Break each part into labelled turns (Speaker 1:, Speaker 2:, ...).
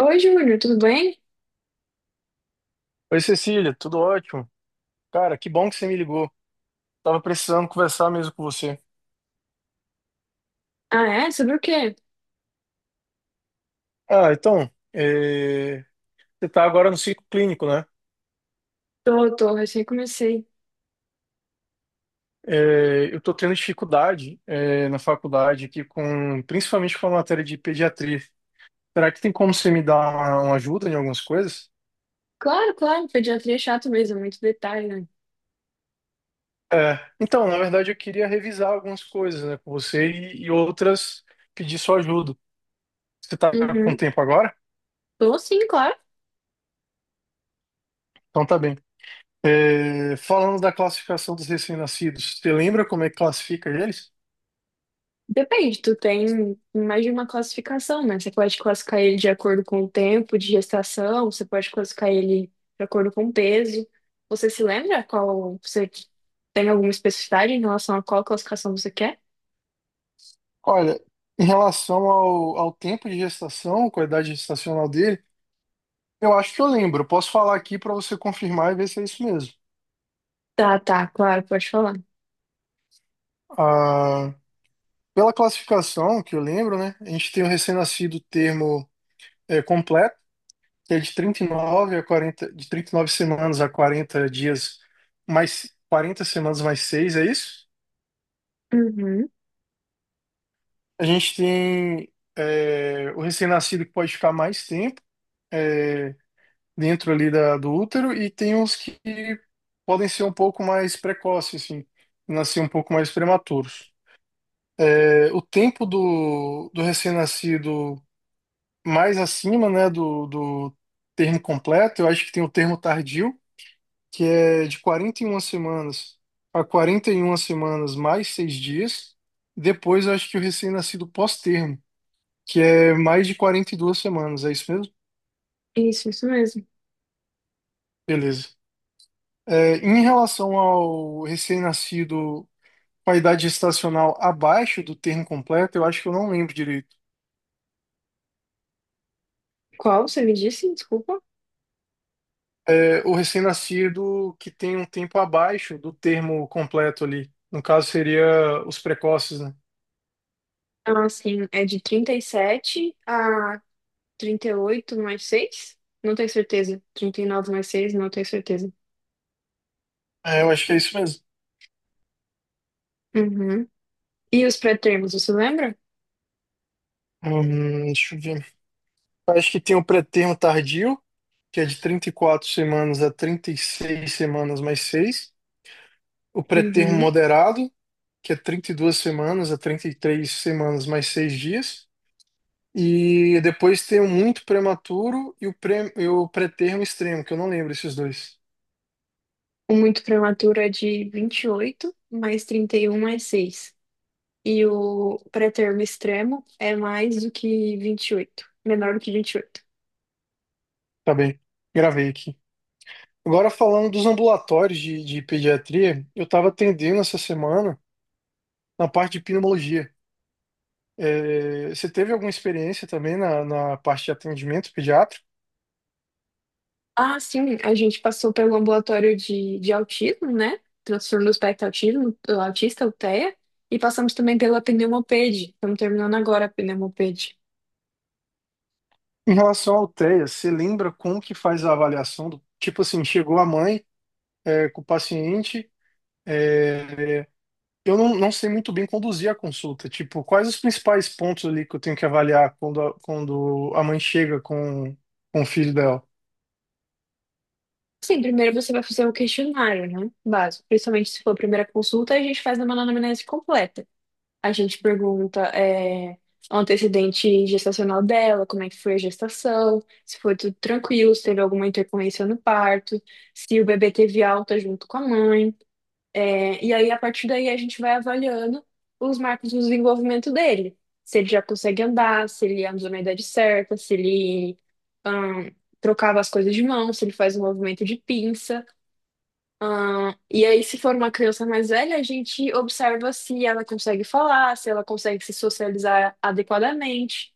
Speaker 1: Oi, Júlio, tudo bem?
Speaker 2: Oi, Cecília, tudo ótimo? Cara, que bom que você me ligou. Tava precisando conversar mesmo com você.
Speaker 1: Ah, é? Sobre o quê?
Speaker 2: Ah, então, você tá agora no ciclo clínico, né?
Speaker 1: Tô, tô, recém comecei.
Speaker 2: Eu tô tendo dificuldade, na faculdade aqui principalmente com a matéria de pediatria. Será que tem como você me dar uma ajuda em algumas coisas?
Speaker 1: Claro, claro, pediatria é chato mesmo, é muito detalhe, né?
Speaker 2: Então, na verdade, eu queria revisar algumas coisas, né, com você e outras pedir sua ajuda. Você tá com
Speaker 1: Uhum.
Speaker 2: tempo agora?
Speaker 1: Tô sim, claro.
Speaker 2: Então tá bem. Falando da classificação dos recém-nascidos, você lembra como é que classifica eles?
Speaker 1: Depende, tu tem mais de uma classificação, né? Você pode classificar ele de acordo com o tempo de gestação, você pode classificar ele de acordo com o peso. Você se lembra qual, você tem alguma especificidade em relação a qual classificação você quer?
Speaker 2: Olha, em relação ao tempo de gestação, qualidade gestacional dele, eu acho que eu lembro. Eu posso falar aqui para você confirmar e ver se é isso mesmo.
Speaker 1: Tá, tá, claro, pode falar.
Speaker 2: Ah, pela classificação que eu lembro, né? A gente tem o recém-nascido termo completo, que é de 39 a 40, de 39 semanas a 40 dias mais 40 semanas mais 6, é isso?
Speaker 1: Uhum.
Speaker 2: A gente tem o recém-nascido que pode ficar mais tempo, é, dentro ali do útero, e tem uns que podem ser um pouco mais precoces, assim, nascer um pouco mais prematuros. O tempo do recém-nascido mais acima, né, do termo completo, eu acho que tem o termo tardio, que é de 41 semanas a 41 semanas mais 6 dias. Depois, eu acho que o recém-nascido pós-termo que é mais de 42 semanas, é isso mesmo?
Speaker 1: Isso mesmo.
Speaker 2: Beleza. Em relação ao recém-nascido com a idade gestacional abaixo do termo completo, eu acho que eu não lembro direito.
Speaker 1: Qual você me disse? Desculpa.
Speaker 2: O recém-nascido que tem um tempo abaixo do termo completo ali. No caso, seria os precoces, né?
Speaker 1: Ah, sim, é de 37 a 38 mais seis, não tenho certeza. 39 mais seis, não tenho certeza.
Speaker 2: Eu acho que é isso mesmo.
Speaker 1: Uhum. E os pré-termos, você lembra?
Speaker 2: Deixa eu ver. Eu acho que tem o pré-termo tardio, que é de 34 semanas a 36 semanas mais seis. O pré-termo
Speaker 1: Uhum.
Speaker 2: moderado, que é 32 semanas a 33 semanas mais 6 dias. E depois tem o muito prematuro e o pré-termo extremo, que eu não lembro esses dois.
Speaker 1: O muito prematuro é de 28 mais 31 mais seis. E o pré-termo extremo é mais do que 28, menor do que 28.
Speaker 2: Tá bem, gravei aqui. Agora falando dos ambulatórios de pediatria, eu estava atendendo essa semana na parte de pneumologia. Você teve alguma experiência também na parte de atendimento pediátrico?
Speaker 1: Ah, sim, a gente passou pelo ambulatório de autismo, né? Transtorno do espectro autismo, do autista, o TEA, e passamos também pela pneumopede. Estamos terminando agora a pneumopede.
Speaker 2: Em relação ao TEA, você lembra como que faz a avaliação do, tipo assim, chegou a mãe, com o paciente. Eu não sei muito bem conduzir a consulta. Tipo, quais os principais pontos ali que eu tenho que avaliar quando a mãe chega com o filho dela?
Speaker 1: Sim, primeiro você vai fazer o questionário, né? Básico. Principalmente se for a primeira consulta, a gente faz uma anamnese completa. A gente pergunta o antecedente gestacional dela, como é que foi a gestação, se foi tudo tranquilo, se teve alguma intercorrência no parto, se o bebê teve alta junto com a mãe. E aí, a partir daí, a gente vai avaliando os marcos do desenvolvimento dele. Se ele já consegue andar, se ele andou na idade certa, se ele ahn, trocava as coisas de mão, se ele faz um movimento de pinça. E aí, se for uma criança mais velha, a gente observa se ela consegue falar, se ela consegue se socializar adequadamente.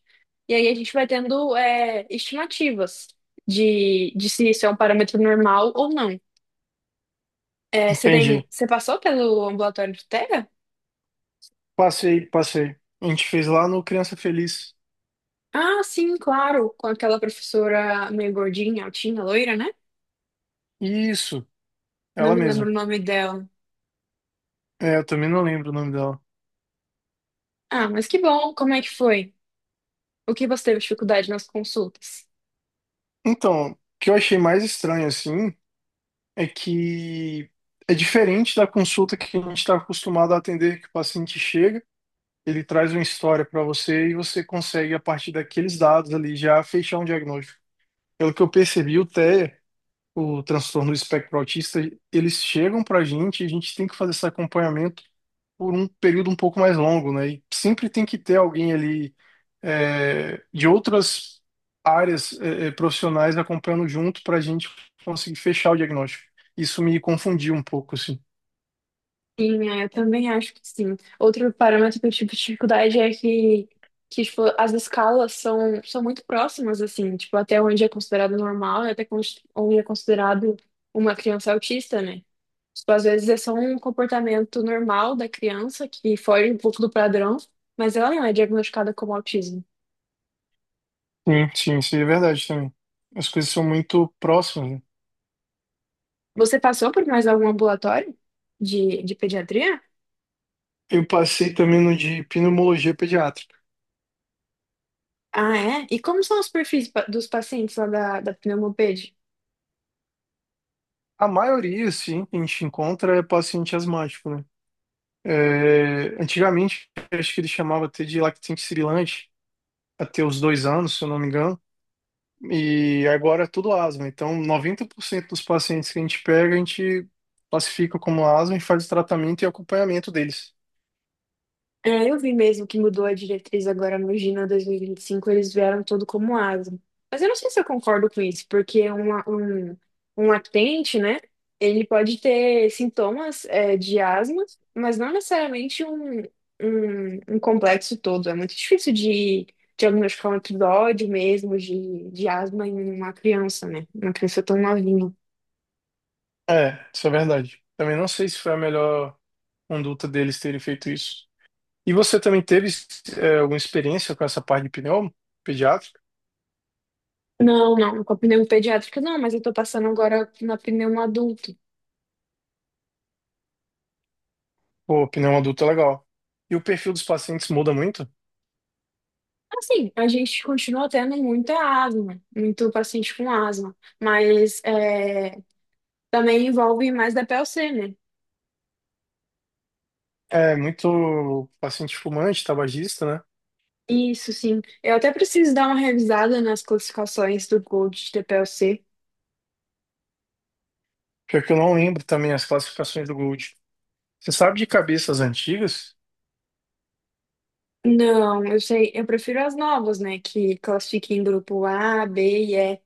Speaker 1: E aí, a gente vai tendo estimativas de se isso é um parâmetro normal ou não. É, você tem,
Speaker 2: Entendi.
Speaker 1: você passou pelo ambulatório de Tega.
Speaker 2: Passei, passei. A gente fez lá no Criança Feliz.
Speaker 1: Ah, sim, claro, com aquela professora meio gordinha, altinha, loira, né?
Speaker 2: Isso,
Speaker 1: Não
Speaker 2: ela
Speaker 1: me
Speaker 2: mesma.
Speaker 1: lembro o nome dela.
Speaker 2: Eu também não lembro o nome dela.
Speaker 1: Ah, mas que bom, como é que foi? O que você teve dificuldade nas consultas?
Speaker 2: Então, o que eu achei mais estranho, assim, é que é diferente da consulta que a gente está acostumado a atender, que o paciente chega, ele traz uma história para você e você consegue, a partir daqueles dados ali, já fechar um diagnóstico. Pelo que eu percebi, o TEA, o transtorno do espectro autista, eles chegam pra gente e a gente tem que fazer esse acompanhamento por um período um pouco mais longo, né? E sempre tem que ter alguém ali, de outras áreas, profissionais acompanhando junto pra gente conseguir fechar o diagnóstico. Isso me confundiu um pouco, assim.
Speaker 1: Sim, eu também acho que sim. Outro parâmetro que eu tive dificuldade é que tipo, as escalas são muito próximas, assim, tipo, até onde é considerado normal e até onde é considerado uma criança autista, né? Tipo, às vezes é só um comportamento normal da criança que foge um pouco do padrão, mas ela não é diagnosticada como autismo.
Speaker 2: Sim, sim, isso é verdade também. As coisas são muito próximas, né?
Speaker 1: Você passou por mais algum ambulatório de pediatria?
Speaker 2: Eu passei também no de pneumologia pediátrica.
Speaker 1: Ah, é? E como são os perfis dos pacientes lá da, da pneumoped?
Speaker 2: A maioria, sim, que a gente encontra é paciente asmático, né? Antigamente, acho que ele chamava até de lactente sibilante, até os 2 anos, se eu não me engano, e agora é tudo asma. Então, 90% dos pacientes que a gente pega, a gente classifica como asma e faz o tratamento e acompanhamento deles.
Speaker 1: Eu vi mesmo que mudou a diretriz agora no Gina 2025, eles vieram todo como asa. Mas eu não sei se eu concordo com isso, porque um lactente, né, ele pode ter sintomas, de asma, mas não necessariamente um, um complexo todo. É muito difícil de diagnosticar um episódio mesmo de asma em uma criança, né? Uma criança tão novinha.
Speaker 2: Isso é verdade. Também não sei se foi a melhor conduta deles terem feito isso. E você também teve, alguma experiência com essa parte de pneumo pediátrica?
Speaker 1: Não, não, com a pneumo pediátrica não, mas eu tô passando agora na pneumo adulto.
Speaker 2: Pô, pneumo adulto é legal. E o perfil dos pacientes muda muito?
Speaker 1: Assim, a gente continua tendo muita asma, muito paciente com asma, mas também envolve mais da PLC, né?
Speaker 2: É muito paciente fumante, tabagista, né?
Speaker 1: Isso, sim. Eu até preciso dar uma revisada nas classificações do Gold da PLC.
Speaker 2: Pior que eu não lembro também as classificações do Gold. Você sabe de cabeças antigas?
Speaker 1: Não, eu sei, eu prefiro as novas, né? Que classifiquem em grupo A, B e E,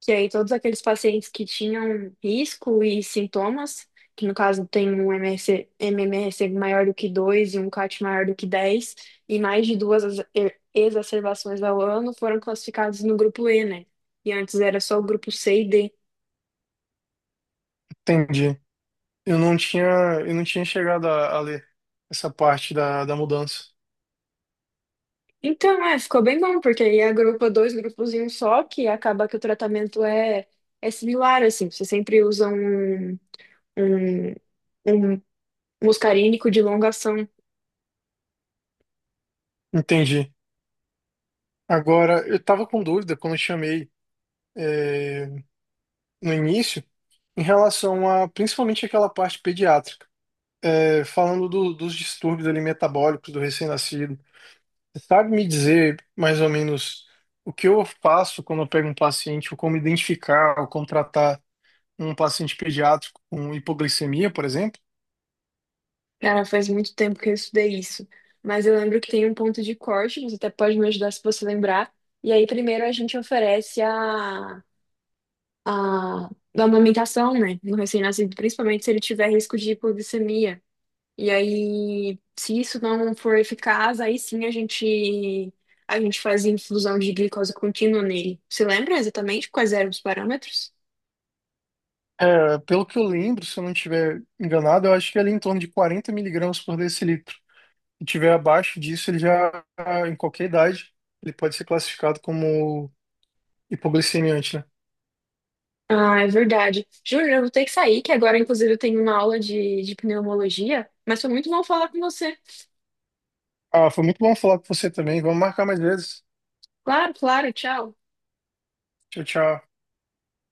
Speaker 1: que aí todos aqueles pacientes que tinham risco e sintomas, que no caso tem um MRC, MMRC maior do que 2 e um CAT maior do que 10 e mais de duas exacerbações ao ano, foram classificados no grupo E, né? E antes era só o grupo C e D.
Speaker 2: Entendi. Eu não tinha, eu não tinha chegado a ler essa parte da mudança.
Speaker 1: Então, ficou bem bom, porque aí agrupa dois grupos em um só, que acaba que o tratamento é similar, assim, você sempre usa um, um, um muscarínico de longa ação.
Speaker 2: Entendi. Agora, eu estava com dúvida quando eu chamei no início em relação a principalmente aquela parte pediátrica. Falando dos distúrbios ali metabólicos do recém-nascido. Você sabe me dizer mais ou menos o que eu faço quando eu pego um paciente, ou como identificar ou contratar um paciente pediátrico com hipoglicemia, por exemplo?
Speaker 1: Cara, faz muito tempo que eu estudei isso, mas eu lembro que tem um ponto de corte, você até pode me ajudar se você lembrar. E aí, primeiro, a gente oferece da amamentação, né, no recém-nascido, principalmente se ele tiver risco de hipoglicemia. E aí, se isso não for eficaz, aí sim a gente faz infusão de glicose contínua nele. Você lembra exatamente quais eram os parâmetros?
Speaker 2: Pelo que eu lembro, se eu não estiver enganado, eu acho que é ali em torno de 40 mg/dL. Se tiver abaixo disso, ele já, em qualquer idade, ele pode ser classificado como hipoglicemiante, né?
Speaker 1: Ah, é verdade. Júlia, eu vou ter que sair, que agora, inclusive, eu tenho uma aula de pneumologia, mas foi muito bom falar com você.
Speaker 2: Ah, foi muito bom falar com você também. Vamos marcar mais vezes.
Speaker 1: Claro, claro, tchau.
Speaker 2: Tchau, tchau.